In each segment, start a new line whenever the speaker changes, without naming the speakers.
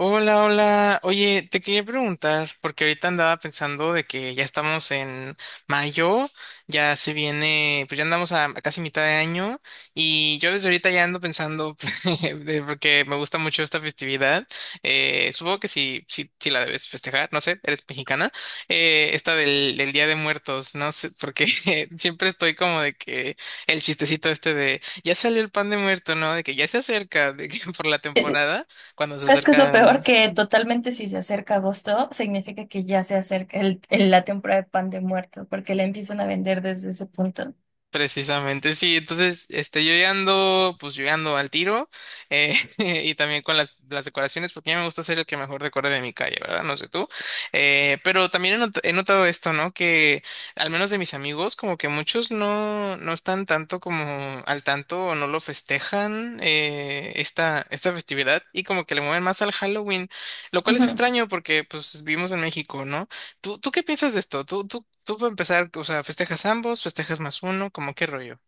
Hola, hola. Oye, te quería preguntar, porque ahorita andaba pensando de que ya estamos en mayo, ya se viene, pues ya andamos a casi mitad de año, y yo desde ahorita ya ando pensando, porque me gusta mucho esta festividad, supongo que sí la debes festejar, no sé, eres mexicana, esta del Día de Muertos, no sé, porque siempre estoy como de que el chistecito este de, ya salió el pan de muerto, ¿no? De que ya se acerca, de que por la
Eh,
temporada cuando se
¿Sabes qué es lo peor?
acerca
Que totalmente si se acerca agosto, significa que ya se acerca la temporada de pan de muerto, porque la empiezan a vender desde ese punto.
precisamente. Sí, entonces, yo ya ando, pues yo ya ando al tiro y también con las decoraciones, porque a mí me gusta ser el que mejor decore de mi calle, ¿verdad? No sé tú. Pero también he notado esto, ¿no? Que al menos de mis amigos, como que muchos no están tanto como al tanto o no lo festejan esta festividad y como que le mueven más al Halloween, lo cual es
Ujú.
extraño porque pues vivimos en México, ¿no? ¿Tú, tú qué piensas de esto? ¿Tú para empezar, o sea, festejas ambos, festejas más uno, como qué rollo?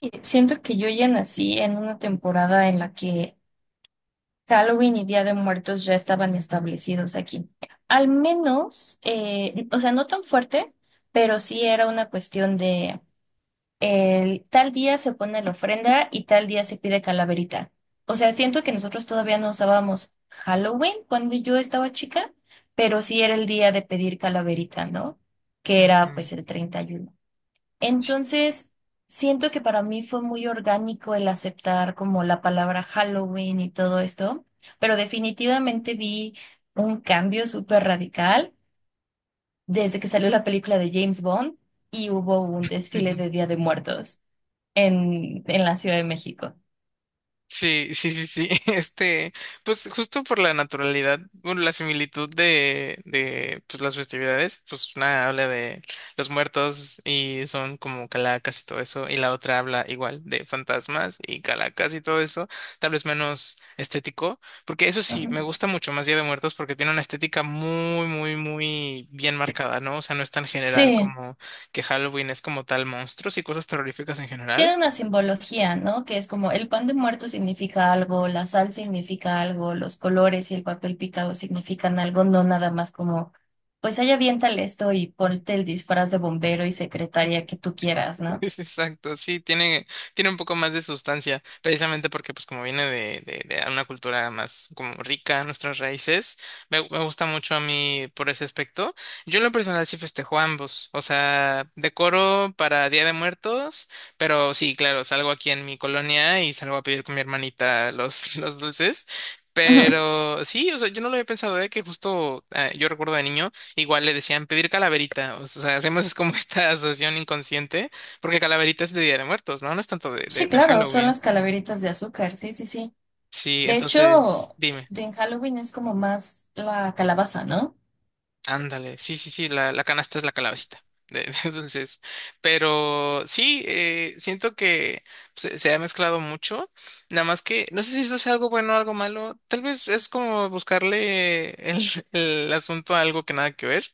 Y siento que yo ya nací en una temporada en la que Halloween y Día de Muertos ya estaban establecidos aquí. Al menos, o sea, no tan fuerte, pero sí era una cuestión de el tal día se pone la ofrenda y tal día se pide calaverita. O sea, siento que nosotros todavía no usábamos Halloween cuando yo estaba chica, pero sí era el día de pedir calaverita, ¿no? Que era
Ujú.
pues el 31. Entonces, siento que para mí fue muy orgánico el aceptar como la palabra Halloween y todo esto, pero definitivamente vi un cambio súper radical desde que salió la película de James Bond y hubo un desfile de Día de Muertos en la Ciudad de México.
Sí, sí, sí, sí. Este, pues justo por la naturalidad, bueno, la similitud de pues, las festividades, pues una habla de los muertos y son como calacas y todo eso, y la otra habla igual de fantasmas y calacas y todo eso, tal vez menos estético, porque eso sí, me
Ujú.
gusta mucho más Día de Muertos porque tiene una estética muy, muy, muy bien marcada, ¿no? O sea, no es tan general
Sí,
como que Halloween es como tal monstruos y cosas terroríficas en general.
tiene una simbología, ¿no? Que es como el pan de muerto significa algo, la sal significa algo, los colores y el papel picado significan algo, no nada más como, pues ahí aviéntale esto y ponte el disfraz de bombero y secretaria que tú quieras, ¿no?
Es Exacto, sí, tiene un poco más de sustancia, precisamente porque pues como viene de una cultura más como rica, nuestras raíces, me gusta mucho a mí por ese aspecto. Yo en lo personal sí festejo ambos, o sea, decoro para Día de Muertos, pero sí, claro, salgo aquí en mi colonia y salgo a pedir con mi hermanita los, los dulces.
Ujú.
Pero sí, o sea, yo no lo había pensado, ¿eh? Que justo ah, yo recuerdo de niño, igual le decían pedir calaverita, o sea, hacemos es como esta asociación inconsciente porque Calaverita es de Día de Muertos, ¿no? No es tanto
Sí,
de
claro, son
Halloween.
las calaveritas de azúcar, sí, sí, sí.
Sí,
De
entonces,
hecho, pues,
dime.
en Halloween es como más la calabaza, ¿no?
Ándale. Sí, sí, sí, la canasta es la calabacita. Entonces, pero sí, siento que se ha mezclado mucho. Nada más que, no sé si eso sea algo bueno o algo malo. Tal vez es como buscarle el, el asunto a algo que nada que ver,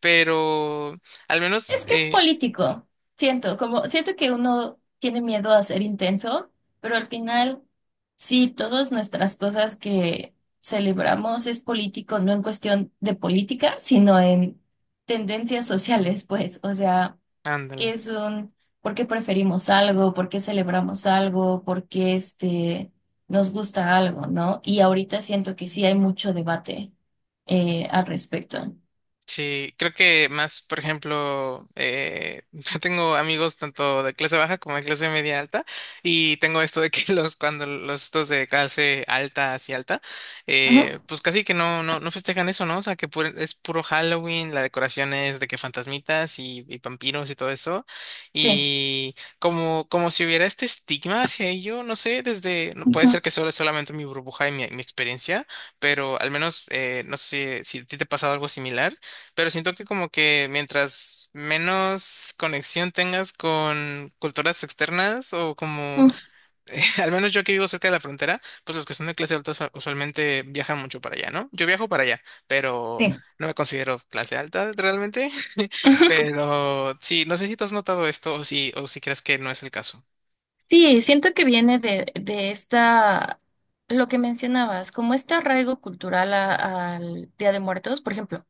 pero al menos,
Es que es político. Siento, como siento que uno tiene miedo a ser intenso, pero al final, sí, todas nuestras cosas que celebramos es político, no en cuestión de política, sino en tendencias sociales, pues. O sea, qué
ándale.
es un, por qué preferimos algo, por qué celebramos algo, nos gusta algo, ¿no? Y ahorita siento que sí hay mucho debate al respecto.
Sí, creo que más, por ejemplo, yo tengo amigos tanto de clase baja como de clase media alta y tengo esto de que los cuando los estos de clase alta hacia alta,
Ujú.
pues casi que no festejan eso, ¿no? O sea, que es puro Halloween, la decoración es de que fantasmitas y vampiros y todo eso
Sí.
y como, como si hubiera este estigma hacia ello, no sé, desde, no puede
Ujú,
ser que solo solamente mi burbuja y mi experiencia, pero al menos no sé si a ti te ha pasado algo similar pero siento que como que mientras menos conexión tengas con culturas externas o como,
ujú.
al menos yo que vivo cerca de la frontera, pues los que son de clase alta usualmente viajan mucho para allá, ¿no? Yo viajo para allá, pero
Sí.
no me considero clase alta realmente. Pero sí, no sé si tú has notado esto o si crees que no es el caso.
Sí, siento que viene de, lo que mencionabas, como este arraigo cultural a- al Día de Muertos, por ejemplo.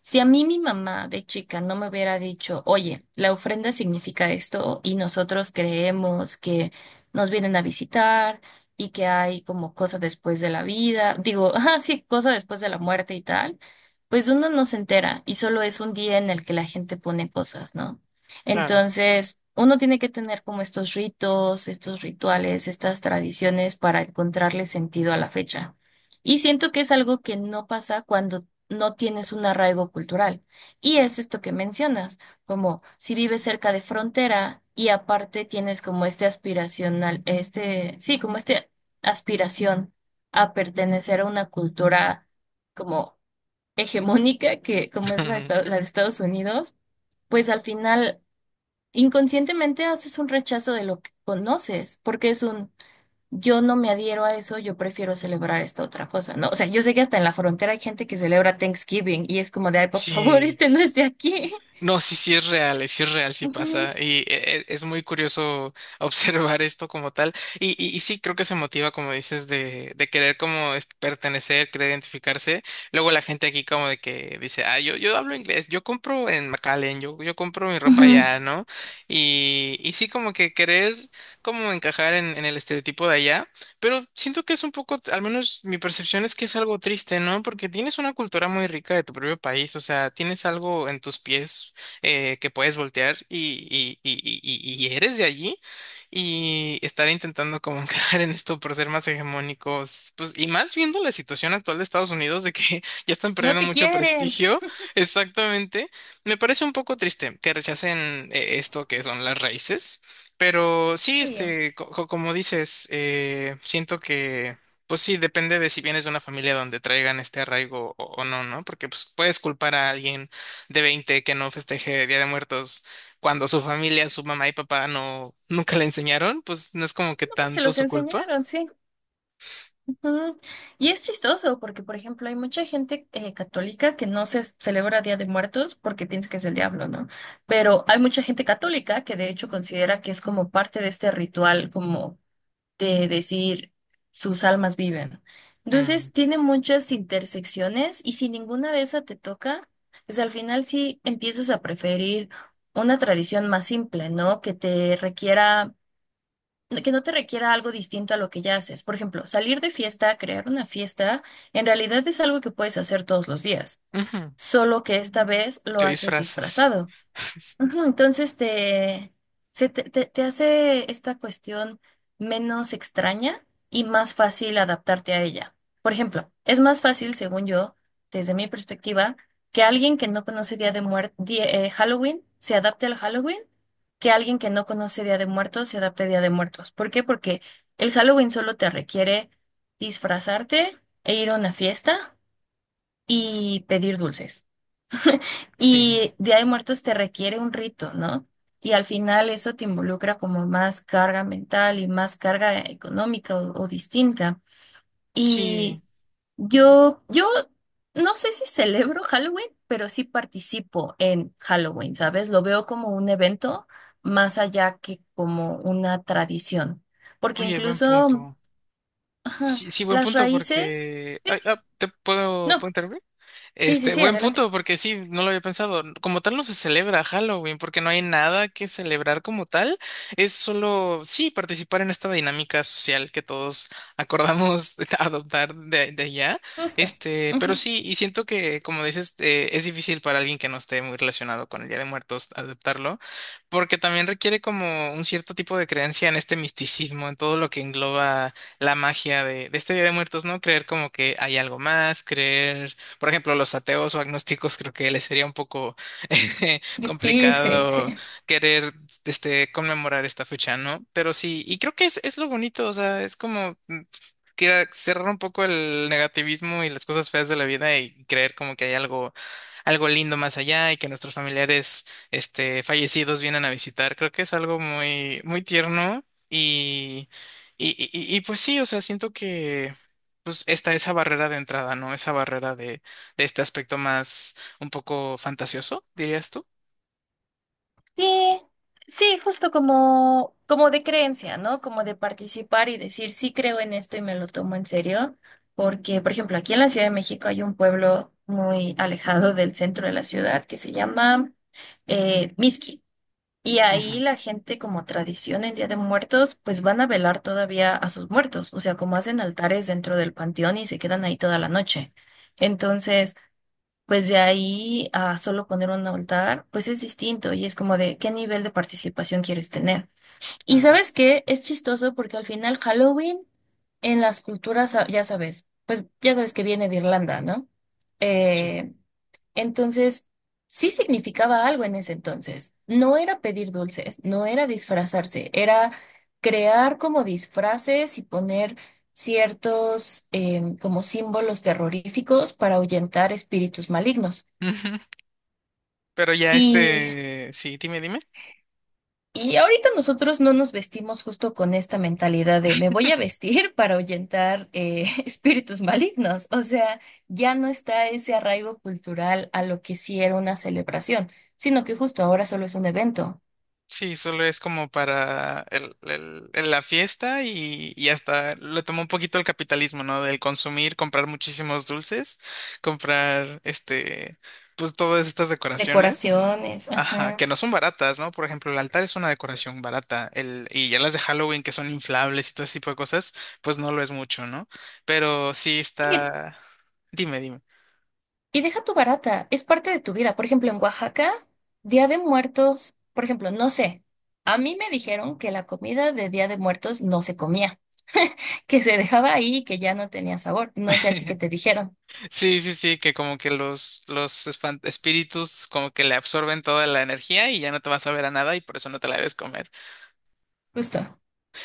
Si a mí mi mamá de chica no me hubiera dicho, oye, la ofrenda significa esto y nosotros creemos que nos vienen a visitar y que hay como cosa después de la vida, digo, ah, sí, cosa después de la muerte y tal, pues uno no se entera y solo es un día en el que la gente pone cosas, ¿no?
Claro.
Entonces, uno tiene que tener como estos ritos, estos rituales, estas tradiciones para encontrarle sentido a la fecha. Y siento que es algo que no pasa cuando no tienes un arraigo cultural. Y es esto que mencionas, como si vives cerca de frontera y aparte tienes como este aspiracional, este, sí, como este aspiración a pertenecer a una cultura como hegemónica, que como es la de Estados Unidos, pues al final inconscientemente haces un rechazo de lo que conoces, porque es un yo no me adhiero a eso, yo prefiero celebrar esta otra cosa, ¿no? O sea, yo sé que hasta en la frontera hay gente que celebra Thanksgiving y es como de, ay, por favor,
Sí.
este no es de aquí.
No, sí, sí es real, sí es real, sí
Ujú,
pasa. Y es muy curioso observar esto como tal. Y sí, creo que se motiva, como dices, de querer como pertenecer, querer identificarse. Luego la gente aquí como de que dice, ah, yo hablo inglés, yo compro en McAllen, yo compro mi ropa
ujú.
allá, ¿no? Y sí, como que querer como encajar en el estereotipo de allá. Pero siento que es un poco, al menos mi percepción es que es algo triste, ¿no? Porque tienes una cultura muy rica de tu propio país, o sea, tienes algo en tus pies que puedes voltear y eres de allí y estar intentando como caer en esto por ser más hegemónicos, pues y más viendo la situación actual de Estados Unidos de que ya están
No
perdiendo
te
mucho
quieren.
prestigio, exactamente, me parece un poco triste que rechacen esto que son las raíces, pero sí,
Sí, no,
este, como dices, siento que... Pues sí, depende de si vienes de una familia donde traigan este arraigo o no, ¿no? Porque pues puedes culpar a alguien de 20 que no festeje Día de Muertos cuando su familia, su mamá y papá no nunca le enseñaron, pues no es como que
pues se
tanto
los
su culpa.
enseñaron, sí. Ujú. Y es chistoso porque, por ejemplo, hay mucha gente católica que no se celebra Día de Muertos porque piensa que es el diablo, ¿no? Pero hay mucha gente católica que de hecho considera que es como parte de este ritual, como de decir sus almas viven.
Mm,
Entonces tiene muchas intersecciones y si ninguna de esas te toca, pues al final sí empiezas a preferir una tradición más simple, ¿no? Que no te requiera algo distinto a lo que ya haces. Por ejemplo, salir de fiesta, crear una fiesta, en realidad es algo que puedes hacer todos los días,
ujú,
solo que esta vez lo
Te
haces
disfrazas.
disfrazado. Ujú. Entonces te, se te, te- te hace esta cuestión menos extraña y más fácil adaptarte a ella. Por ejemplo, es más fácil, según yo, desde mi perspectiva, que alguien que no conoce Día de Muertos, Halloween, se adapte al Halloween, que alguien que no conoce Día de Muertos se adapte a Día de Muertos. ¿Por qué? Porque el Halloween solo te requiere disfrazarte e ir a una fiesta y pedir dulces.
Sí,
Y Día de Muertos te requiere un rito, ¿no? Y al final eso te involucra como más carga mental y más carga económica o distinta.
sí.
Y yo no sé si celebro Halloween, pero sí participo en Halloween, ¿sabes? Lo veo como un evento más allá que como una tradición. Porque
Oye, buen
incluso,
punto.
ajá,
Sí, sí, buen
las
punto
raíces...
porque...
Sí,
Ay, ah, ¿te puedo,
no.
puedo interrumpir?
Sí, sí,
Este,
sí,
buen
adelante.
punto, porque sí, no lo había pensado. Como tal no se celebra Halloween, porque no hay nada que celebrar como tal. Es solo, sí, participar en esta dinámica social que todos acordamos adoptar de allá.
Gusta.
Este, pero
Ujú.
sí, y siento que, como dices, es difícil para alguien que no esté muy relacionado con el Día de Muertos adoptarlo, porque también requiere como un cierto tipo de creencia en este misticismo, en todo lo que engloba la magia de este Día de Muertos, ¿no? Creer como que hay algo más, creer por ejemplo, los ateos o agnósticos, creo que les sería un poco
Difícil, sí. Sí,
complicado
sí.
querer este, conmemorar esta fecha, ¿no? Pero sí, y creo que es lo bonito, o sea, es como mm, cerrar un poco el negativismo y las cosas feas de la vida y creer como que hay algo, algo lindo más allá y que nuestros familiares este, fallecidos vienen a visitar. Creo que es algo muy, muy tierno pues sí, o sea, siento que pues está esa barrera de entrada, ¿no? Esa barrera de este aspecto más un poco fantasioso, dirías tú.
Sí, sí, justo como, como de creencia, ¿no? Como de participar y decir, sí creo en esto y me lo tomo en serio, porque, por ejemplo, aquí en la Ciudad de México hay un pueblo muy alejado del centro de la ciudad que se llama Mixqui. Y ahí
Ujú,
la gente, como tradición en Día de Muertos, pues van a velar todavía a sus muertos, o sea, como hacen altares dentro del panteón y se quedan ahí toda la noche. Entonces, pues de ahí a solo poner un altar, pues es distinto y es como de qué nivel de participación quieres tener. Y
claro,
sabes qué, es chistoso porque al final Halloween en las culturas, ah, ya sabes, pues ya sabes que viene de Irlanda, ¿no?
sí.
Eh, entonces, sí significaba algo en ese entonces. No era pedir dulces, no era disfrazarse, era crear como disfraces y poner ciertos como símbolos terroríficos para ahuyentar espíritus malignos.
Ujú, pero ya
Y,
este, sí, dime, dime.
y ahorita nosotros no nos vestimos justo con esta mentalidad de me voy a vestir para ahuyentar espíritus malignos. O sea, ya no está ese arraigo cultural a lo que sí era una celebración, sino que justo ahora solo es un evento.
Sí, solo es como para la fiesta y hasta le tomó un poquito el capitalismo, ¿no? Del consumir, comprar muchísimos dulces, comprar este, pues todas estas decoraciones,
Decoraciones,
ajá,
ajá.
que no son baratas, ¿no? Por ejemplo, el altar es una decoración barata, el, y ya las de Halloween que son inflables y todo ese tipo de cosas, pues no lo es mucho, ¿no? Pero sí
Y,
está, dime, dime.
y deja tu barata, es parte de tu vida. Por ejemplo, en Oaxaca, Día de Muertos, por ejemplo, no sé, a mí me dijeron que la comida de Día de Muertos no se comía, que se dejaba ahí y que ya no tenía sabor. No sé a ti qué te dijeron,
Sí, sí, sí, que como que los espíritus como que le absorben toda la energía y ya no te vas a ver a nada y por eso no te la debes comer.
justo.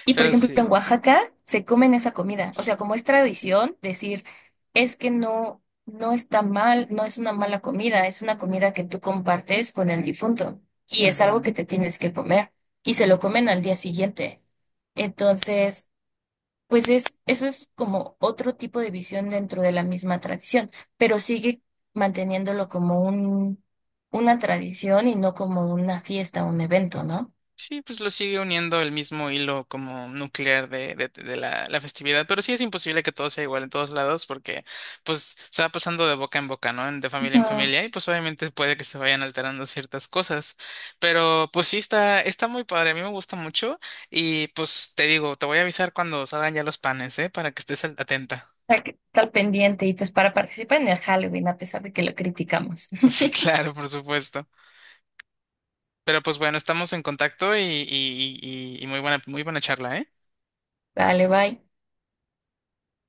Y por
Pero
ejemplo,
sí.
en Oaxaca se comen esa comida. O sea, como es tradición decir, es que no, no está mal, no es una mala comida, es una comida que tú compartes con el difunto y es algo que te tienes que comer y se lo comen al día siguiente. Entonces, pues es, eso es como otro tipo de visión dentro de la misma tradición, pero sigue manteniéndolo como una tradición y no como una fiesta o un evento, ¿no?
Sí, pues lo sigue uniendo el mismo hilo como nuclear de la festividad, pero sí es imposible que todo sea igual en todos lados porque pues se va pasando de boca en boca, ¿no? De familia en
Ujú.
familia y pues obviamente puede que se vayan alterando ciertas cosas, pero pues sí está, está muy padre, a mí me gusta mucho y pues te digo, te voy a avisar cuando salgan ya los panes, ¿eh? Para que estés atenta.
Hay que estar pendiente y pues para participar en el Halloween, a pesar de que lo criticamos.
Sí, claro, por supuesto. Pero pues bueno, estamos en contacto y muy buena charla, ¿eh?
Dale, bye.